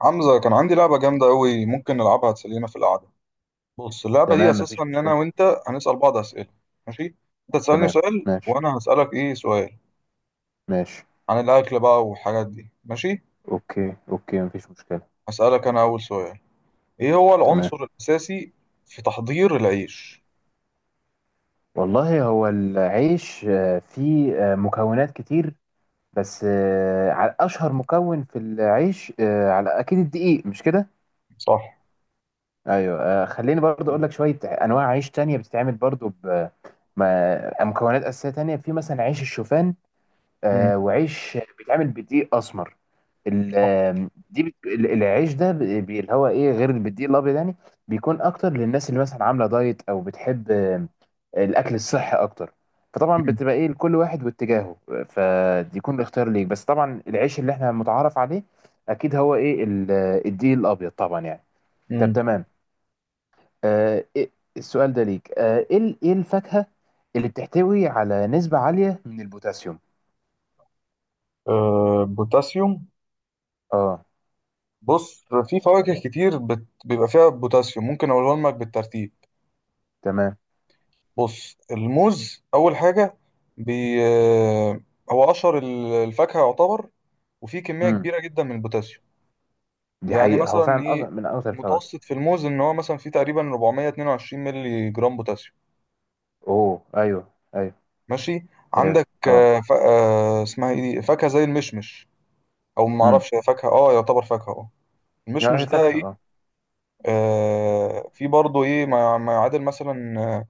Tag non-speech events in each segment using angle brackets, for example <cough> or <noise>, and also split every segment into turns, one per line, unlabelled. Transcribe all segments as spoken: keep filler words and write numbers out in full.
حمزة، كان عندي لعبة جامدة أوي ممكن نلعبها تسلينا في القعدة. بص، اللعبة دي
تمام، مفيش
أساسها إن أنا
مشكلة.
وأنت هنسأل بعض أسئلة. ماشي؟ أنت تسألني
تمام.
سؤال
ماشي
وأنا هسألك إيه سؤال
ماشي.
عن الأكل بقى والحاجات دي. ماشي.
اوكي اوكي، مفيش مشكلة.
هسألك أنا أول سؤال: إيه هو
تمام.
العنصر الأساسي في تحضير العيش؟
والله هو العيش آه، فيه آه، مكونات كتير. بس آه، على اشهر مكون في العيش آه، على اكيد الدقيق، مش كده؟
صح.
ايوه. آه، خليني برضو اقول لك شوية انواع عيش تانية بتتعمل برضو ب ما- مكونات اساسية تانية في مثلا عيش الشوفان.
مم.
آه، وعيش بيتعمل بدقيق اسمر. ال- دي بت... ال- العيش ده ب- بي- اللي هو ايه غير البديل الابيض، يعني بيكون اكتر للناس اللي مثلا عامله دايت او بتحب آم، الاكل الصحي اكتر. فطبعا
مم.
بتبقى ايه، لكل واحد واتجاهه. فدي يكون الاختيار ليك، بس طبعا العيش اللي احنا متعارف عليه اكيد هو ايه ال- الدقيق الابيض طبعا، يعني. طب،
مم.
تمام. آه إيه السؤال ده ليك. آه ايه ال- ايه الفاكهه اللي بتحتوي على نسبه عاليه من البوتاسيوم؟
أه، بوتاسيوم.
اه،
بص، في فواكه كتير بت... بيبقى فيها بوتاسيوم، ممكن أقولهم لك بالترتيب.
تمام.
بص، الموز اول حاجه. بي آه، هو اشهر ال- الفاكهه يعتبر، وفيه كميه
امم
كبيره جدا من البوتاسيوم.
دي
يعني
حقيقه، هو
مثلا
فعلا
ايه،
أك- من اكتر الفواكه.
متوسط في الموز ان هو مثلا فيه تقريبا أربعمية واتنين وعشرين مللي جرام بوتاسيوم.
اوه، ايوه ايوه.
ماشي.
هي،
عندك،
اه.
آه، ف... آه، اسمها ايه دي، فاكهه زي المشمش، او ما
امم.
اعرفش، هي فاكهه، اه، يعتبر فاكهه، اه.
لا، هي
المشمش ده
فاكهة.
ايه؟
اه.
آه في برضه ايه ما ما يعادل مثلا، آه،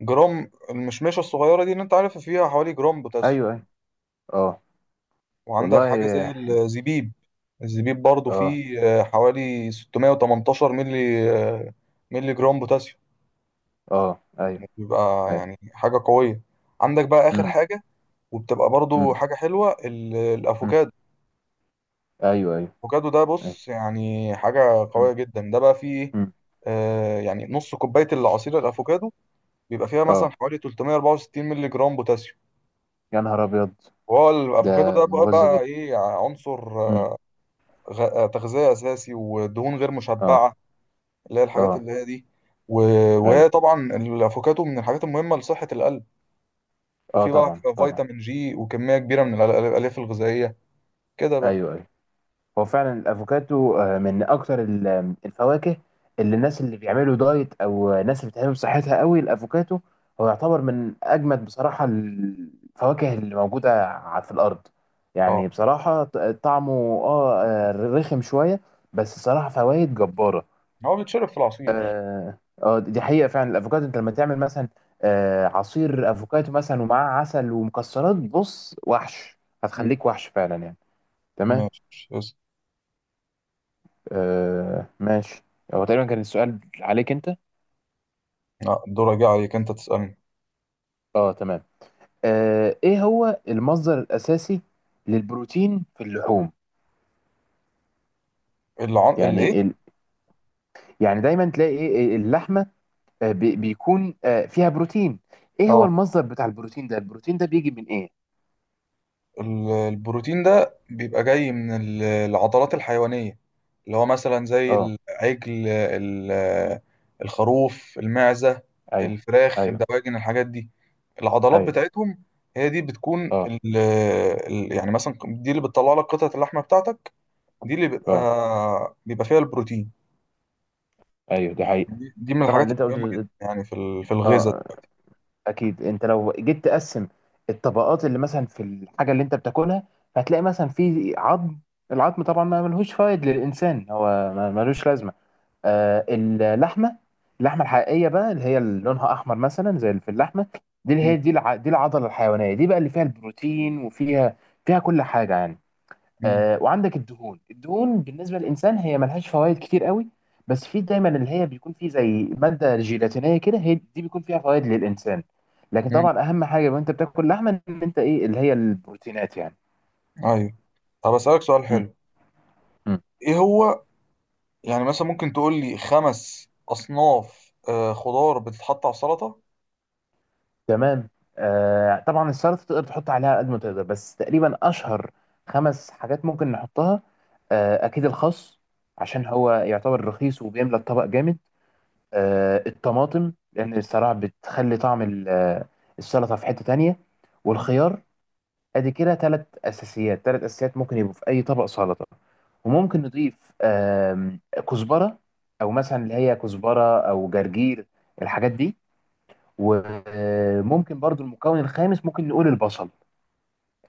جرام، المشمشه الصغيره دي اللي انت عارفها فيها حوالي جرام
ايوه
بوتاسيوم.
ايوه. اه،
وعندك
والله
حاجة زي
هي حلو.
الزبيب. الزبيب برضو
اه
فيه آه، حوالي ستمية وتمنتاشر ملي، آه، ملي جرام بوتاسيوم.
اه، ايوه
بيبقى
ايوه.
يعني حاجة قوية. عندك بقى آخر
امم،
حاجة، وبتبقى برضو
امم،
حاجة حلوة: ال-
أمم.
الأفوكادو.
ايوه ايوه
الأفوكادو ده
ايوه.
بص يعني حاجة
أمم،
قوية جدا، ده بقى فيه إيه؟
أمم.
آه، يعني نص كوباية العصير الأفوكادو بيبقى فيها مثلا
اه.
حوالي تلتمية وأربعة وستين ملي جرام بوتاسيوم.
يا نهار ابيض!
وهو الأفوكادو
ده
ده بقى,
مغذي
بقى
جدا.
إيه عنصر؟
أمم.
آه، غ- آه، تغذية أساسي ودهون غير
اه
مشبعة، اللي هي الحاجات
اه،
اللي هي دي. و...
ايوه.
وهي طبعا الافوكاتو من الحاجات المهمه لصحه القلب،
اه،
وفي بقى
طبعا طبعا.
فيتامين جي وكميه كبيره من الأل- الالياف الغذائيه. كده بقى.
ايوه ايوه. هو فعلا الافوكاتو آه، من اكتر ال- الفواكه، اللي الناس اللي بيعملوا دايت او ناس اللي بتهتم بصحتها قوي. الافوكاتو هو يعتبر من اجمد بصراحه الفواكه اللي موجوده ع- في الارض.
اه،
يعني بصراحه ط- طعمه اه آه، رخم شويه، بس صراحه فوائد جباره.
هو بيتشرب في العصير.
اه، آه، دي حقيقه. فعلا الافوكاتو انت لما تعمل مثلا آه، عصير افوكاتو مثلا ومعاه عسل ومكسرات، بص وحش،
مم.
هتخليك وحش فعلا، يعني. تمام.
ماشي، اسأل.
آه ماشي. هو تقريبا كان السؤال عليك انت.
لا، الدور جه عليك، انت تسالني.
اه، تمام. آه ايه هو المصدر الاساسي للبروتين في اللحوم؟
العن... الايه؟
يعني ال... يعني دايما تلاقي ايه إيه، اللحمه آه بي... بيكون آه فيها بروتين. ايه هو
اه،
المصدر بتاع البروتين ده؟ البروتين ده بيجي من ايه؟
ال- البروتين ده بيبقى جاي من ال- العضلات الحيوانية، اللي هو مثلا زي
اه،
العجل، ال- الخروف، المعزة،
ايوه
الفراخ،
ايوه
الدواجن، الحاجات دي. العضلات
ايوه،
بتاعتهم هي دي بتكون
اه
ال ال- يعني مثلا دي اللي بتطلع لك قطعة اللحمة بتاعتك، دي اللي بيبقى
اه،
بيبقى فيها البروتين.
ايوه. دي حقيقه.
دي دي من
طبعا
الحاجات
اللي انت
المهمة
قلته ده-
جدا يعني في ال- في الغذاء.
اه، اكيد انت لو جيت تقسم الطبقات اللي مثلا في الحاجه اللي انت بتاكلها، هتلاقي مثلا في عظم. العظم طبعا ما ملهوش فايد للانسان، هو ما- ملوش لازمه. آه اللحمه، اللحمه الحقيقيه بقى، اللي هي اللي لونها احمر مثلا زي اللي في اللحمه، دي اللي
م-
هي دي الع... دي العضله الحيوانيه دي بقى اللي فيها البروتين وفيها فيها كل حاجه، يعني.
م-
آه وعندك الدهون. الدهون بالنسبه للانسان هي ملهاش فوائد كتير قوي، بس في دايما اللي هي بيكون فيه زي ماده جيلاتينيه كده، هي دي بيكون فيها فوائد للانسان. لكن طبعا
م.
اهم حاجه وانت بتاكل لحمه ان انت ايه، اللي هي البروتينات، يعني.
ايوه. طب، اسألك سؤال
م.
حلو.
م.
ايه هو؟ يعني مثلا ممكن تقول لي خمس أصناف آه، خضار بتتحط على السلطة؟
تمام. آه طبعا السلطه تقدر تحط عليها قد ما تقدر، بس تقريبا اشهر خمس حاجات ممكن نحطها. آه اكيد الخس، عشان هو يعتبر رخيص وبيملى الطبق جامد. آه، الطماطم، لان الصراحه بتخلي طعم ال- آه، السلطه في حته تانية.
مم.
والخيار. ادي كده ثلاث اساسيات، ثلاث اساسيات ممكن يبقوا في اي طبق سلطه. وممكن نضيف آم، كزبره، او مثلا اللي هي كزبره او جرجير، الحاجات دي. وممكن برضو المكون الخامس ممكن نقول البصل.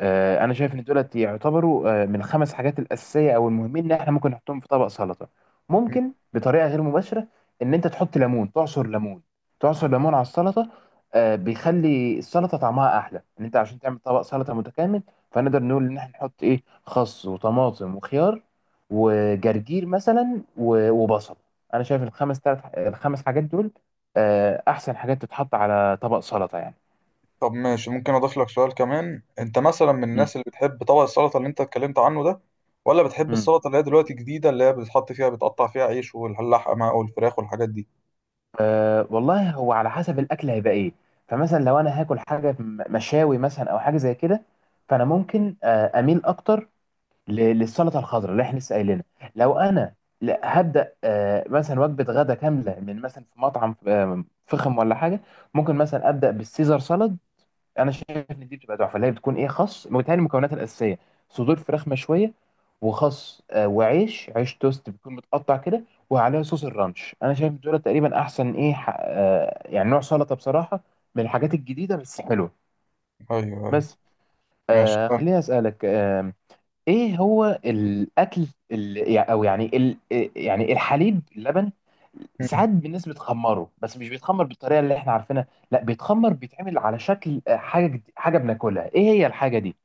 آه، انا شايف ان دولت يعتبروا آه، من الخمس حاجات الاساسيه او المهمين ان احنا ممكن نحطهم في طبق سلطه.
مم.
ممكن بطريقه غير مباشره ان انت تحط ليمون، تعصر ليمون تعصر ليمون على السلطه. آه، بيخلي السلطه طعمها احلى، ان انت عشان تعمل طبق سلطه متكامل. فنقدر نقول ان احنا نحط ايه، خس وطماطم وخيار وجرجير مثلا و- وبصل. انا شايف الخمس تلات الخمس حاجات دول آه، احسن حاجات تتحط على طبق سلطه، يعني.
طب ماشي، ممكن أضيف لك سؤال كمان: أنت مثلا من الناس اللي بتحب طبق السلطة اللي أنت اتكلمت عنه ده، ولا بتحب
مم.
السلطة اللي هي دلوقتي جديدة، اللي هي بتحط فيها بتقطع فيها عيش واللحمة والفراخ والحاجات دي؟
أه، والله هو على حسب الاكل هيبقى ايه. فمثلا لو انا هاكل حاجه م- مشاوي مثلا او حاجه زي كده، فانا ممكن آه، اميل اكتر ل- للسلطه الخضراء اللي احنا لسه قايلينها. لو انا ل- هبدا آه، مثلا وجبه غدا كامله من مثلا في مطعم آه، فخم ولا حاجه، ممكن مثلا ابدا بالسيزر سالاد. انا شايف ان دي بتبقى تحفه، اللي هي بتكون ايه، خس، متهيألي المكونات الاساسيه، صدور فراخ مشويه وخس آه، وعيش، عيش توست بيكون متقطع كده، وعليها صوص الرانش. انا شايف دول تقريبا احسن ايه ح- آه، يعني نوع سلطه بصراحه، من الحاجات الجديده بس حلوه.
أيوه، أيوه.
بس
ماشي،
آه
طيب.
خليني اسالك، ايه هو الاكل ال... يع- او يعني ال... إيه، يعني الحليب، اللبن،
مم.
ساعات الناس بتخمره، بس مش بيتخمر بالطريقه اللي احنا عارفينها، لا، بيتخمر بيتعمل على شكل آه، حاجه جد- حاجه بناكلها. ايه هي الحاجه دي؟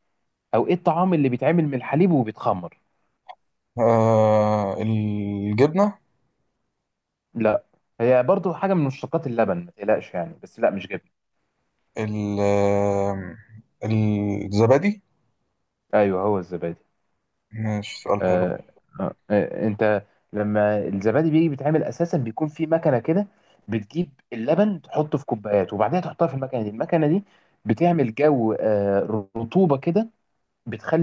او ايه الطعام اللي بيتعمل من الحليب وبيتخمر؟
آه الجبنة.
لا، هي برضو حاجه من مشتقات اللبن، ما تقلقش يعني، بس لا، مش جبن.
ال- آه، الزبادي.
ايوه، هو الزبادي.
ماشي، سؤال حلو.
آه، آه، آه، انت لما الزبادي بيجي بيتعمل اساسا، بيكون في مكنه كده. بتجيب اللبن تحطه في كوبايات وبعدين تحطها في المكنه دي. المكنه دي بتعمل جو آه، رطوبه كده،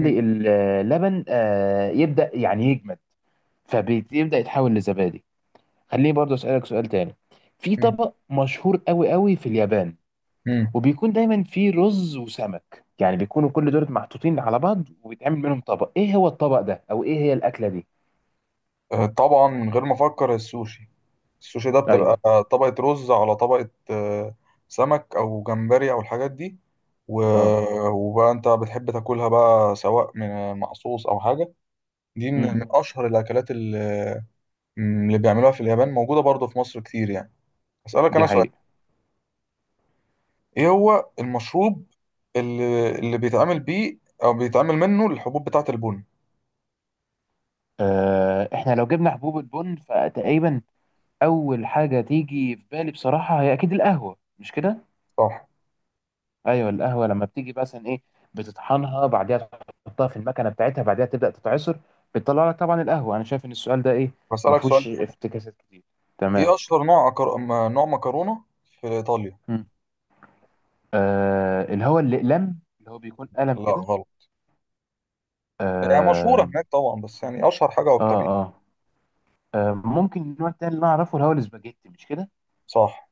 مم.
اللبن آه، يبدا، يعني، يجمد، فبيبدا يتحول لزبادي. خليني برضه اسالك سؤال تاني. في
مم.
طبق مشهور قوي قوي في اليابان،
مم.
وبيكون دايما فيه رز وسمك، يعني بيكونوا كل دول محطوطين على بعض وبيتعمل منهم طبق. ايه هو الطبق ده، او ايه هي الاكله دي؟
آه، طبعا، من غير ما أفكر، السوشي. السوشي ده بتبقى
ايوه.
طبقة رز على طبقة آه، سمك أو جمبري أو الحاجات دي،
اه.
و- وبقى أنت بتحب تاكلها بقى سواء من مع صوص أو حاجة. دي من
امم
من أشهر الأكلات اللي اللي بيعملوها في اليابان، موجودة برضه في مصر كتير يعني. أسألك
دي
أنا سؤال:
حقيقة.
إيه هو المشروب اللي, اللي بيتعمل بيه أو بيتعمل منه الحبوب بتاعة البن؟
آه احنا لو جبنا حبوب البن، فتقريبا اول حاجة تيجي في بالي بصراحة هي اكيد القهوة، مش كده؟
صح.
ايوه، القهوة لما بتيجي مثلا ايه، بتطحنها، بعدها تحطها في المكنة بتاعتها، بعدها تبدأ تتعصر، بتطلع لك طبعا القهوة. انا شايف ان السؤال ده ايه، ما
بسألك سؤال
فيهوش
تاني:
افتكاسات كتير.
إيه
تمام.
أشهر نوع أكر... م- نوع مكرونة في إيطاليا؟
مم. آه اللي هو الاقلام، اللي هو بيكون قلم
لا،
كده.
غلط. هي يعني مشهورة
آه,
هناك طبعا، بس يعني أشهر حاجة
اه
أكتر.
اه آه، ممكن النوع التاني اللي انا اعرفه اللي هو الاسباجيتي، مش كده؟
صح.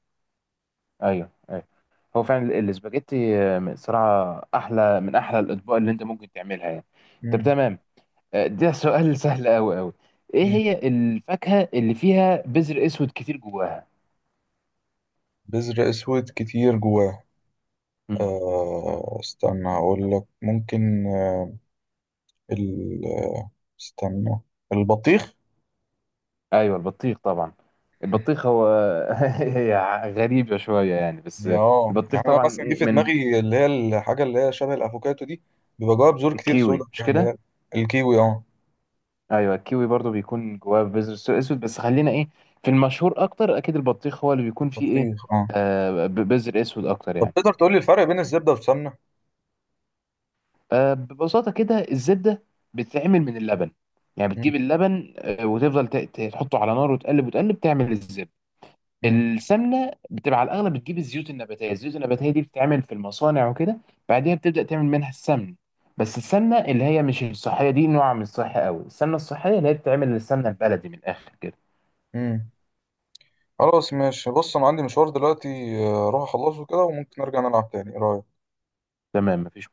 ايوه أيوة. هو فعلا ال- الاسباجيتي آه، صراحة أحلى من أحلى الأطباق اللي أنت ممكن تعملها، يعني. طب،
مم.
تمام. آه، ده سؤال <laughs> سهل أوي أوي. إيه
مم.
هي الفاكهة اللي فيها بذر أسود كتير جواها؟
بذر اسود كتير جواه.
مم.
آه استنى اقول لك. ممكن آه ال آه، استنى. البطيخ.
أيوه، البطيخ طبعا. البطيخ هو <laughs> هي غريبة شوية يعني، بس
يا اه،
البطيخ
يعني انا
طبعا
مثلا جه
إيه
في
من،
دماغي اللي هي الحاجه اللي هي شبه الافوكاتو دي، بيبقى جواها بذور كتير سودا
الكيوي مش
اللي هي.
كده؟
الكيوي، اه.
أيوه، الكيوي برضو بيكون جواه بذر أسود، بس خلينا إيه، في المشهور أكتر أكيد البطيخ، هو اللي بيكون فيه إيه
البطيخ، اه.
آه، ب- بذر أسود أكتر،
طب،
يعني.
تقدر تقول لي الفرق بين الزبده والسمنه؟
آه، ببساطة كده الزبدة بتتعمل من اللبن. يعني
مم.
بتجيب اللبن آه، وتفضل ت- ت- تحطه على نار وتقلب وتقلب، تعمل الزبدة.
مم.
السمنة بتبقى على الأغلب بتجيب الزيوت النباتية، الزيوت النباتية دي بتتعمل في المصانع وكده، بعدها بتبدأ تعمل منها السمن. بس السمنة اللي هي مش الصحية دي نوع من الصحة قوي. السمنة الصحية اللي هي بتتعمل السمنة البلدي، من الآخر كده.
مم. خلاص، ماشي. بص، انا عندي مشوار دلوقتي، آه، اروح اخلصه كده، وممكن ارجع نلعب تاني، ايه رايك؟
تمام، مفيش